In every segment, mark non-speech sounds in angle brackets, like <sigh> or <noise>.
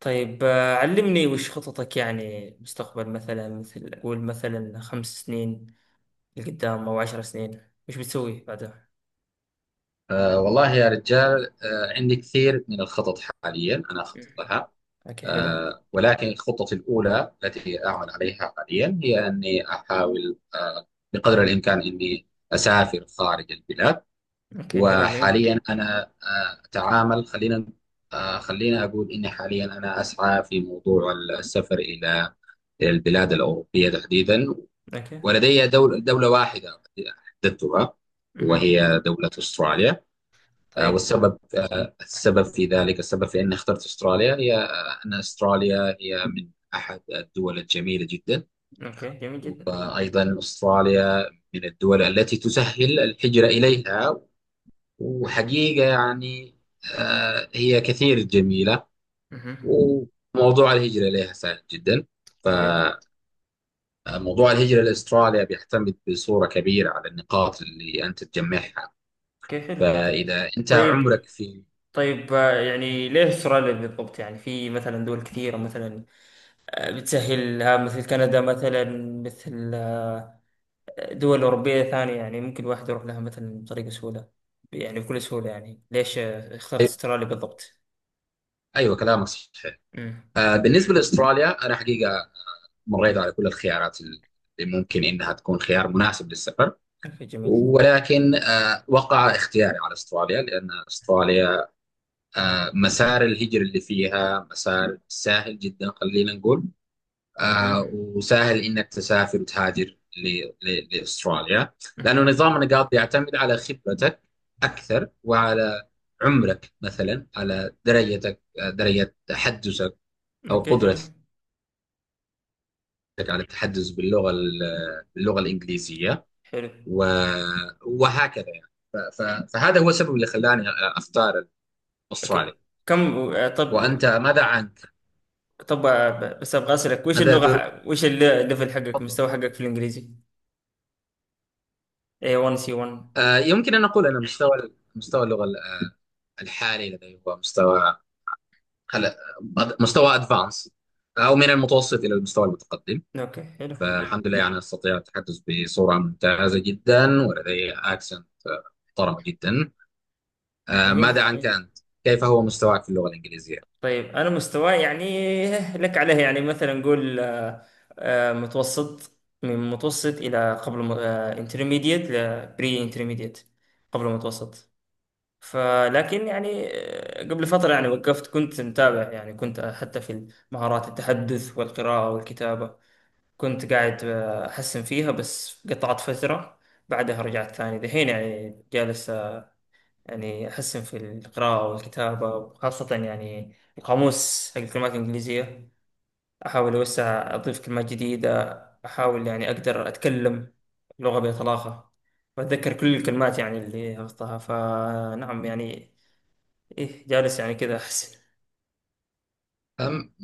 طيب، علمني وش خططك، يعني مستقبل مثلا، مثل قول مثلا 5 سنين لقدام أو 10 سنين. وش بتسوي بعدها؟ والله يا رجال، عندي كثير من الخطط حاليا، أنا أخطط مم. لها. أوكي، حلو. ولكن خطتي الأولى التي أعمل عليها حاليا هي أني أحاول بقدر الإمكان أني أسافر خارج البلاد. أوكي، حلو، جميل. وحاليا أنا أه أتعامل خلينا أه خلينا أقول إني حاليا أنا أسعى في موضوع السفر إلى البلاد الأوروبية تحديدا. أوكي. ولدي دولة واحدة حددتها، مهم. وهي دولة أستراليا. طيب. والسبب، السبب في ذلك، السبب في أني اخترت أستراليا هي أن أستراليا هي من أحد الدول الجميلة جدا. أوكي، جميل جدا. وأيضا أستراليا من الدول التي تسهل الهجرة إليها. وحقيقة يعني هي كثير جميلة. مهم. وموضوع الهجرة إليها سهل جدا. أوكي. فموضوع الهجرة لأستراليا بيعتمد بصورة كبيرة على النقاط اللي أنت تجمعها. أوكي، حلو. فإذا أنت عمرك طيب. في طيب، يعني ليه استراليا بالضبط؟ يعني في مثلا دول كثيرة، مثلا بتسهلها، مثل كندا مثلا، مثل دول أوروبية ثانية، يعني ممكن الواحد يروح لها مثلا بطريقة سهولة، يعني بكل سهولة. يعني ليش اخترت استراليا بالضبط؟ أيوة، كلامك صحيح. امم بالنسبة لأستراليا، أنا حقيقة مريت على كل الخيارات اللي ممكن إنها تكون خيار مناسب للسفر. اوكي، جميل. ولكن وقع اختياري على أستراليا، لأن أستراليا مسار الهجرة اللي فيها مسار سهل جدا، خلينا نقول. امم وسهل إنك تسافر وتهاجر لأستراليا. لأنه امم نظام النقاط بيعتمد على خبرتك أكثر، وعلى عمرك مثلا، على درجتك، درجة تحدثك أو اوكي، جميل، قدرتك على التحدث باللغه الانجليزيه. حلو. و- وهكذا يعني، فهذا هو السبب اللي خلاني اختار استراليا. اوكي. كم طب. وانت ماذا عنك؟ طب، بس ابغى اسالك، وش ماذا اللغة تر- وش الليفل حقك، تفضل. مستوى حقك في الانجليزي؟ A1 C1. يمكن ان اقول ان مستوى اللغه الحالي لدي هو خل- مستوى ادفانس، او من المتوسط الى المستوى المتقدم. اوكي، حلو، فالحمد لله، يعني استطيع التحدث بصوره ممتازه جدا، ولدي اكسنت محترمه جدا. جميل. ماذا عنك انت؟ كيف هو مستواك في اللغه الانجليزيه؟ طيب، انا مستواي يعني لك عليه، يعني مثلا نقول متوسط، من متوسط الى قبل انترميديت، لبري انترميديت، قبل متوسط. فلكن يعني، قبل فترة يعني وقفت، كنت متابع، يعني كنت حتى في مهارات التحدث والقراءة والكتابة كنت قاعد أحسن فيها، بس قطعت فترة. بعدها رجعت ثاني، دحين يعني جالس يعني أحسن في القراءة والكتابة، وخاصة يعني القاموس حق الكلمات الإنجليزية، أحاول أوسع، أضيف كلمات جديدة. أحاول يعني أقدر أتكلم لغة بطلاقة وأتذكر كل الكلمات يعني اللي حفظتها. فنعم يعني، إيه، جالس يعني كذا أحسن. أم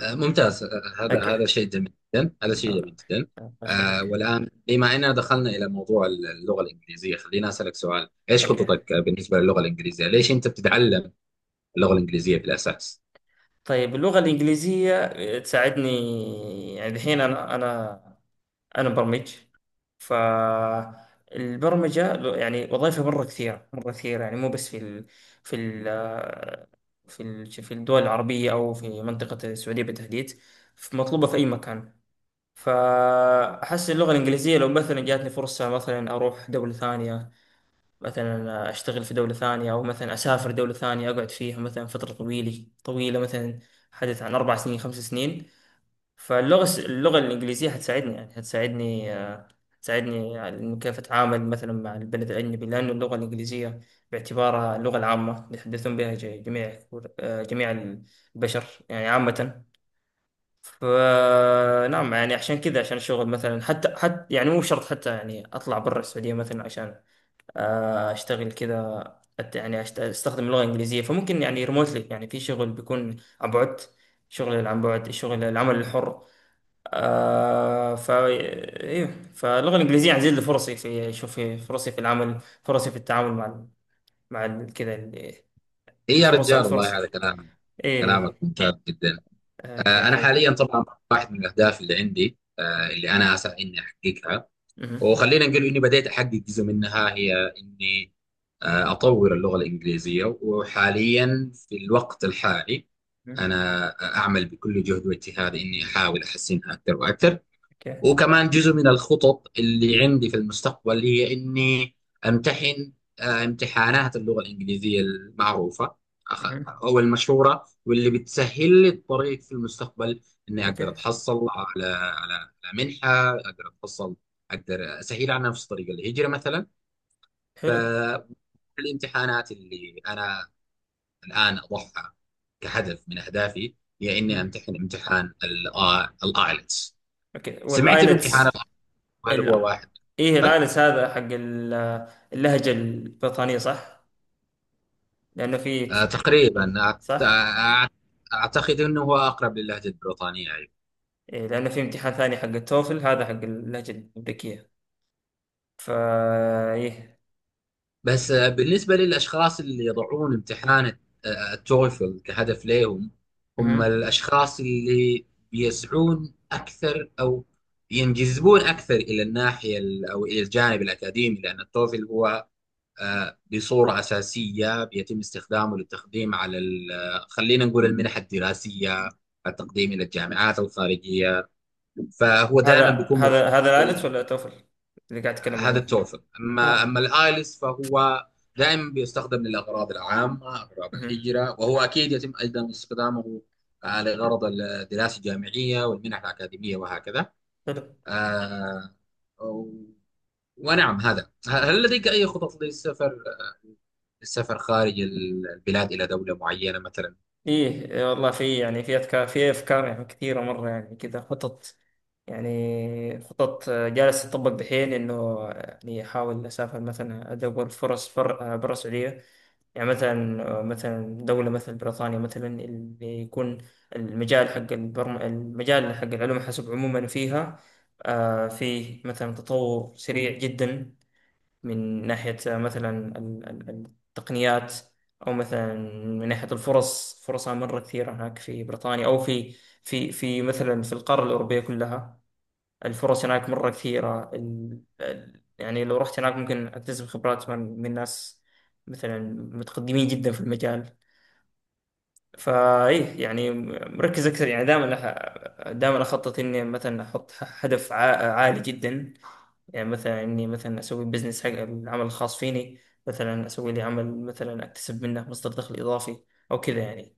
ممتاز. هذا أوكي. هذا شيء جميل جدا، هذا شيء جميل جدا. الله يخليك. والآن، بما أننا دخلنا إلى موضوع اللغة الإنجليزية، خلينا أسألك سؤال. إيش أوكي. خططك بالنسبة للغة الإنجليزية؟ ليش أنت بتتعلم اللغة الإنجليزية في الأساس؟ طيب، اللغة الإنجليزية تساعدني. يعني الحين أنا أنا انا برمج، فالبرمجة يعني وظائفها مرة كثيرة، مرة كثيرة، يعني مو بس في ال في ال في ال في الدول العربية أو في منطقة السعودية بالتحديد، مطلوبة في أي مكان. فأحس اللغة الإنجليزية لو مثلا جاتني فرصة، مثلا أروح دولة ثانية، مثلا أشتغل في دولة ثانية، أو مثلا أسافر دولة ثانية أقعد فيها مثلا فترة طويلة طويلة، مثلا حدث عن 4 سنين، 5 سنين. اللغة الإنجليزية هتساعدني، يعني هتساعدني، هتساعدني على إنه كيف أتعامل مثلا مع البلد الأجنبي، لأنه اللغة الإنجليزية باعتبارها اللغة العامة بيتحدثون بها جميع جميع البشر يعني عامة. فنعم يعني، عشان كذا، عشان الشغل مثلا، حتى يعني مو شرط حتى يعني أطلع برا السعودية مثلا عشان أشتغل كذا. أستخدم اللغة الإنجليزية، فممكن يعني ريموتلي، يعني في شغل بيكون عن بعد، شغل عن بعد، الشغل العمل الحر. آه، فا ايه، فاللغه الانجليزيه هتزيد لي فرصي في، شوف، في فرصي في العمل، فرصي في التعامل مع مع ال- كده ال- إيه يا الفرص، رجال، الفرص. والله، هذا كلام ايه. كلامك ممتاز جدا. اوكي، أنا حلو. حاليا طبعا، واحد من الأهداف اللي عندي، اللي أنا أسعى إني أحققها، مهم. وخلينا نقول اني بديت احقق جزء منها، هي اني اطور اللغه الانجليزيه. وحاليا، في الوقت الحالي، مهم. انا اعمل بكل جهد واجتهاد اني احاول احسنها اكثر واكثر. اوكي. وكمان جزء من الخطط اللي عندي في المستقبل هي إني أمتحن امتحانات اللغة الإنجليزية المعروفة مهم. أخ- أو المشهورة، واللي بتسهل لي الطريق في المستقبل، إني أقدر اوكي، أتحصل على منحة، أقدر أسهل على نفسي طريق الهجرة مثلا. حلو. فالامتحانات اللي أنا الآن أضعها كهدف من أهدافي هي إني مهم. أمتحن امتحان الآيلتس. اوكي، سمعت بامتحان والايلتس. ال IELTS؟ هل ال... هو واحد؟ ايه، الايلتس هذا حق اللهجه البريطانيه، صح؟ لانه في، تقريبا، صح، أعتقد أنه هو أقرب للهجة البريطانية أيضا. إيه، لانه في امتحان ثاني حق التوفل، هذا حق اللهجه الامريكيه. فا ايه. بس، بالنسبة للأشخاص اللي يضعون امتحان التويفل كهدف لهم، هم مهم. الأشخاص اللي بيسعون أكثر أو ينجذبون أكثر إلى أو إلى الجانب الأكاديمي، لأن التوفل هو بصورة أساسية بيتم استخدامه للتقديم على خلينا نقول المنح الدراسية، التقديم إلى الجامعات الخارجية. فهو دائما هذا بيكون مرتبط هذا هذا العالج ولا طفل اللي قاعد اتكلم بهذا عنه. التورفل. اما اه. اما الايلس فهو دائما بيستخدم للاغراض العامه، اغراض مهم. الهجره، وهو اكيد يتم ايضا استخدامه لغرض الدراسه الجامعيه والمنح الاكاديميه، وهكذا. حلو. آه، و- ونعم، هل لديك اي خطط للسفر، خارج البلاد الى دوله معينه مثلا؟ ايه، إيه والله في، يعني في افكار، في افكار، يعني كثيره مره، يعني كذا خطط، يعني خطط جالس تطبق دحين، انه آه، يعني احاول اسافر، مثلا ادور فرص، برا السعوديه. يعني مثلا مثلا دوله مثل بريطانيا مثلا، اللي يكون المجال حق البرم... المجال حق العلوم الحاسب عموما فيها فيه مثلا تطور سريع جدا، من ناحية مثلا التقنيات، أو مثلا من ناحية الفرص، فرصها مرة كثيرة هناك في بريطانيا، أو في مثلا في القارة الأوروبية كلها. الفرص هناك مرة كثيرة. يعني لو رحت هناك ممكن أكتسب خبرات من ناس مثلا متقدمين جدا في المجال. فايه، يعني مركز اكثر، يعني دائما دائما اخطط اني مثلا احط هدف عالي جدا، يعني مثلا إني مثلا أسوي بزنس حق العمل الخاص فيني، مثلا أسوي لي عمل مثلا أكتسب منه مصدر دخل إضافي، أو كذا يعني.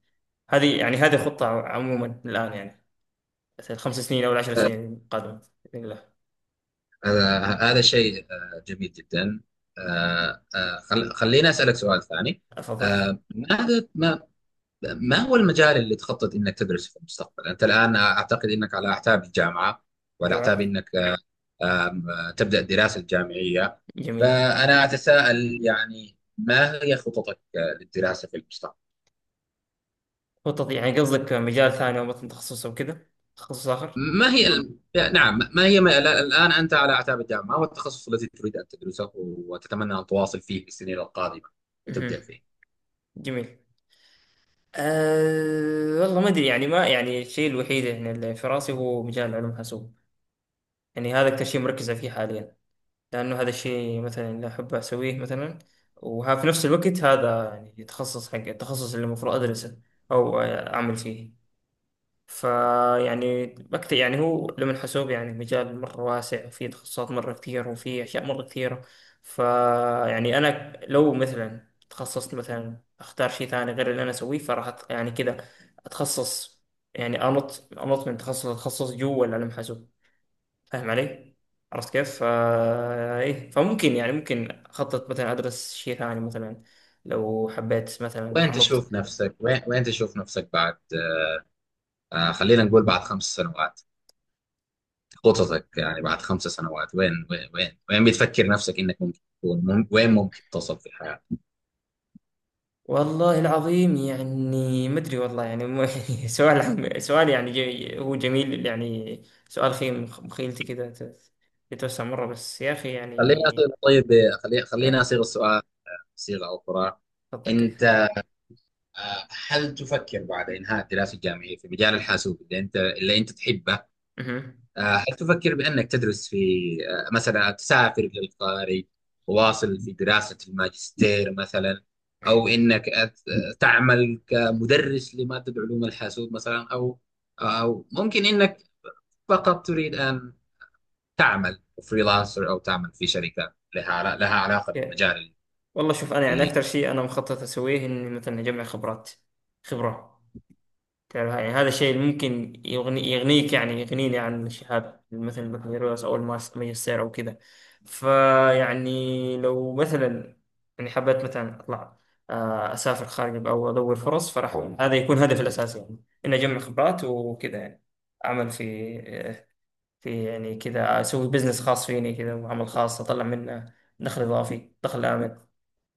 هذه يعني، هذه خطة عموما الآن، يعني مثلا ال 5 سنين أو ال 10 سنين القادمة بإذن الله. هذا شيء جميل جدا. خليني أسألك سؤال ثاني. أفضل. ماذا ما ما هو المجال اللي تخطط انك تدرسه في المستقبل؟ انت الان اعتقد انك على اعتاب الجامعه، وعلى اعتاب أيوه، انك تبدا الدراسه الجامعيه. جميل. فانا اتساءل يعني، ما هي خططك للدراسه في المستقبل؟ خطط يعني قصدك مجال ثاني أو مثلا تخصص أو كذا، تخصص آخر؟ ما هي ال- نعم، ما هي ما لا- الآن أنت على أعتاب الجامعة، ما هو التخصص الذي تريد أن تدرسه وتتمنى أن تواصل فيه في السنين القادمة وتبدأ مهم. فيه؟ جميل. أه والله ما أدري يعني، ما يعني الشيء الوحيد يعني اللي في راسي هو مجال علوم حاسوب. يعني هذا أكثر شيء مركز فيه حاليا، لأنه هذا الشيء مثلا اللي أحب أسويه مثلا، وها في نفس الوقت هذا يعني تخصص حق التخصص اللي المفروض أدرسه أو أعمل فيه. فيعني بكتب يعني، هو علم الحاسوب يعني مجال مرة واسع، وفيه تخصصات مرة كثير، وفيه أشياء مرة كثيرة. فيعني أنا لو مثلا تخصصت مثلا أختار شيء ثاني غير اللي أنا أسويه، فراح يعني كذا أتخصص، يعني أنط من تخصص لتخصص جوا العلم الحاسوب. فاهم علي؟ عرفت كيف؟ فا ايه، فممكن يعني ممكن اخطط مثلا ادرس شيء ثاني مثلا، لو حبيت مثلا انط. وين تشوف نفسك بعد خلينا نقول، بعد 5 سنوات. خططك يعني بعد 5 سنوات، وين بتفكر نفسك إنك ممكن تكون، وين ممكن تصل في الحياة؟ والله العظيم يعني ما ادري والله، يعني <laughs> سؤال يعني جي هو جميل يعني، سؤال خيم مخيلتي كذا، يتوسع مره، بس يا اخي يعني خلينا أصير طيب خلي آه، خلينا أصيغ السؤال صيغة أخرى. خطك كيف. أنت آه، هل تفكر بعد إنهاء الدراسة الجامعية في مجال الحاسوب اللي أنت تحبه؟ مهم. هل تفكر بأنك تدرس في، مثلا تسافر للخارج، واصل في دراسة الماجستير مثلا؟ أو أنك أت- آه، تعمل كمدرس لمادة علوم الحاسوب مثلا، أو ممكن أنك فقط تريد أن تعمل فريلانسر، أو تعمل في شركة لها علاقة يا- بالمجال، والله شوف انا يعني اللي اكثر شيء انا مخطط اسويه اني مثلا اجمع خبرات، خبره، تعرف يعني هذا الشيء اللي ممكن يغني، يغنيك يعني يغنيني عن شهادة مثل البكالوريوس أو الماجستير أو كذا. فيعني لو مثلا يعني حبيت مثلا أطلع أسافر خارج أو أدور فرص، فراح هذا يكون هدفي الأساسي، يعني إني أجمع خبرات وكذا يعني. أعمل في، في يعني كذا، أسوي بزنس خاص فيني كذا، وعمل خاص أطلع منه دخل إضافي، دخل آمن.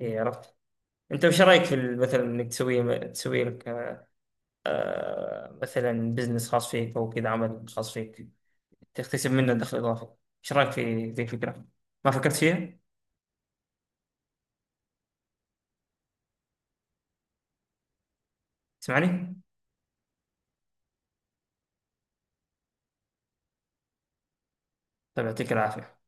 إيه، عرفت؟ أنت وش رأيك في مثلا إنك تسوي مثلا بزنس خاص فيك، او كده عمل خاص فيك تكتسب منه دخل اضافي؟ ايش رايك في ذي الفكره؟ ما فكرت فيها؟ تسمعني؟ طيب، يعطيك العافيه.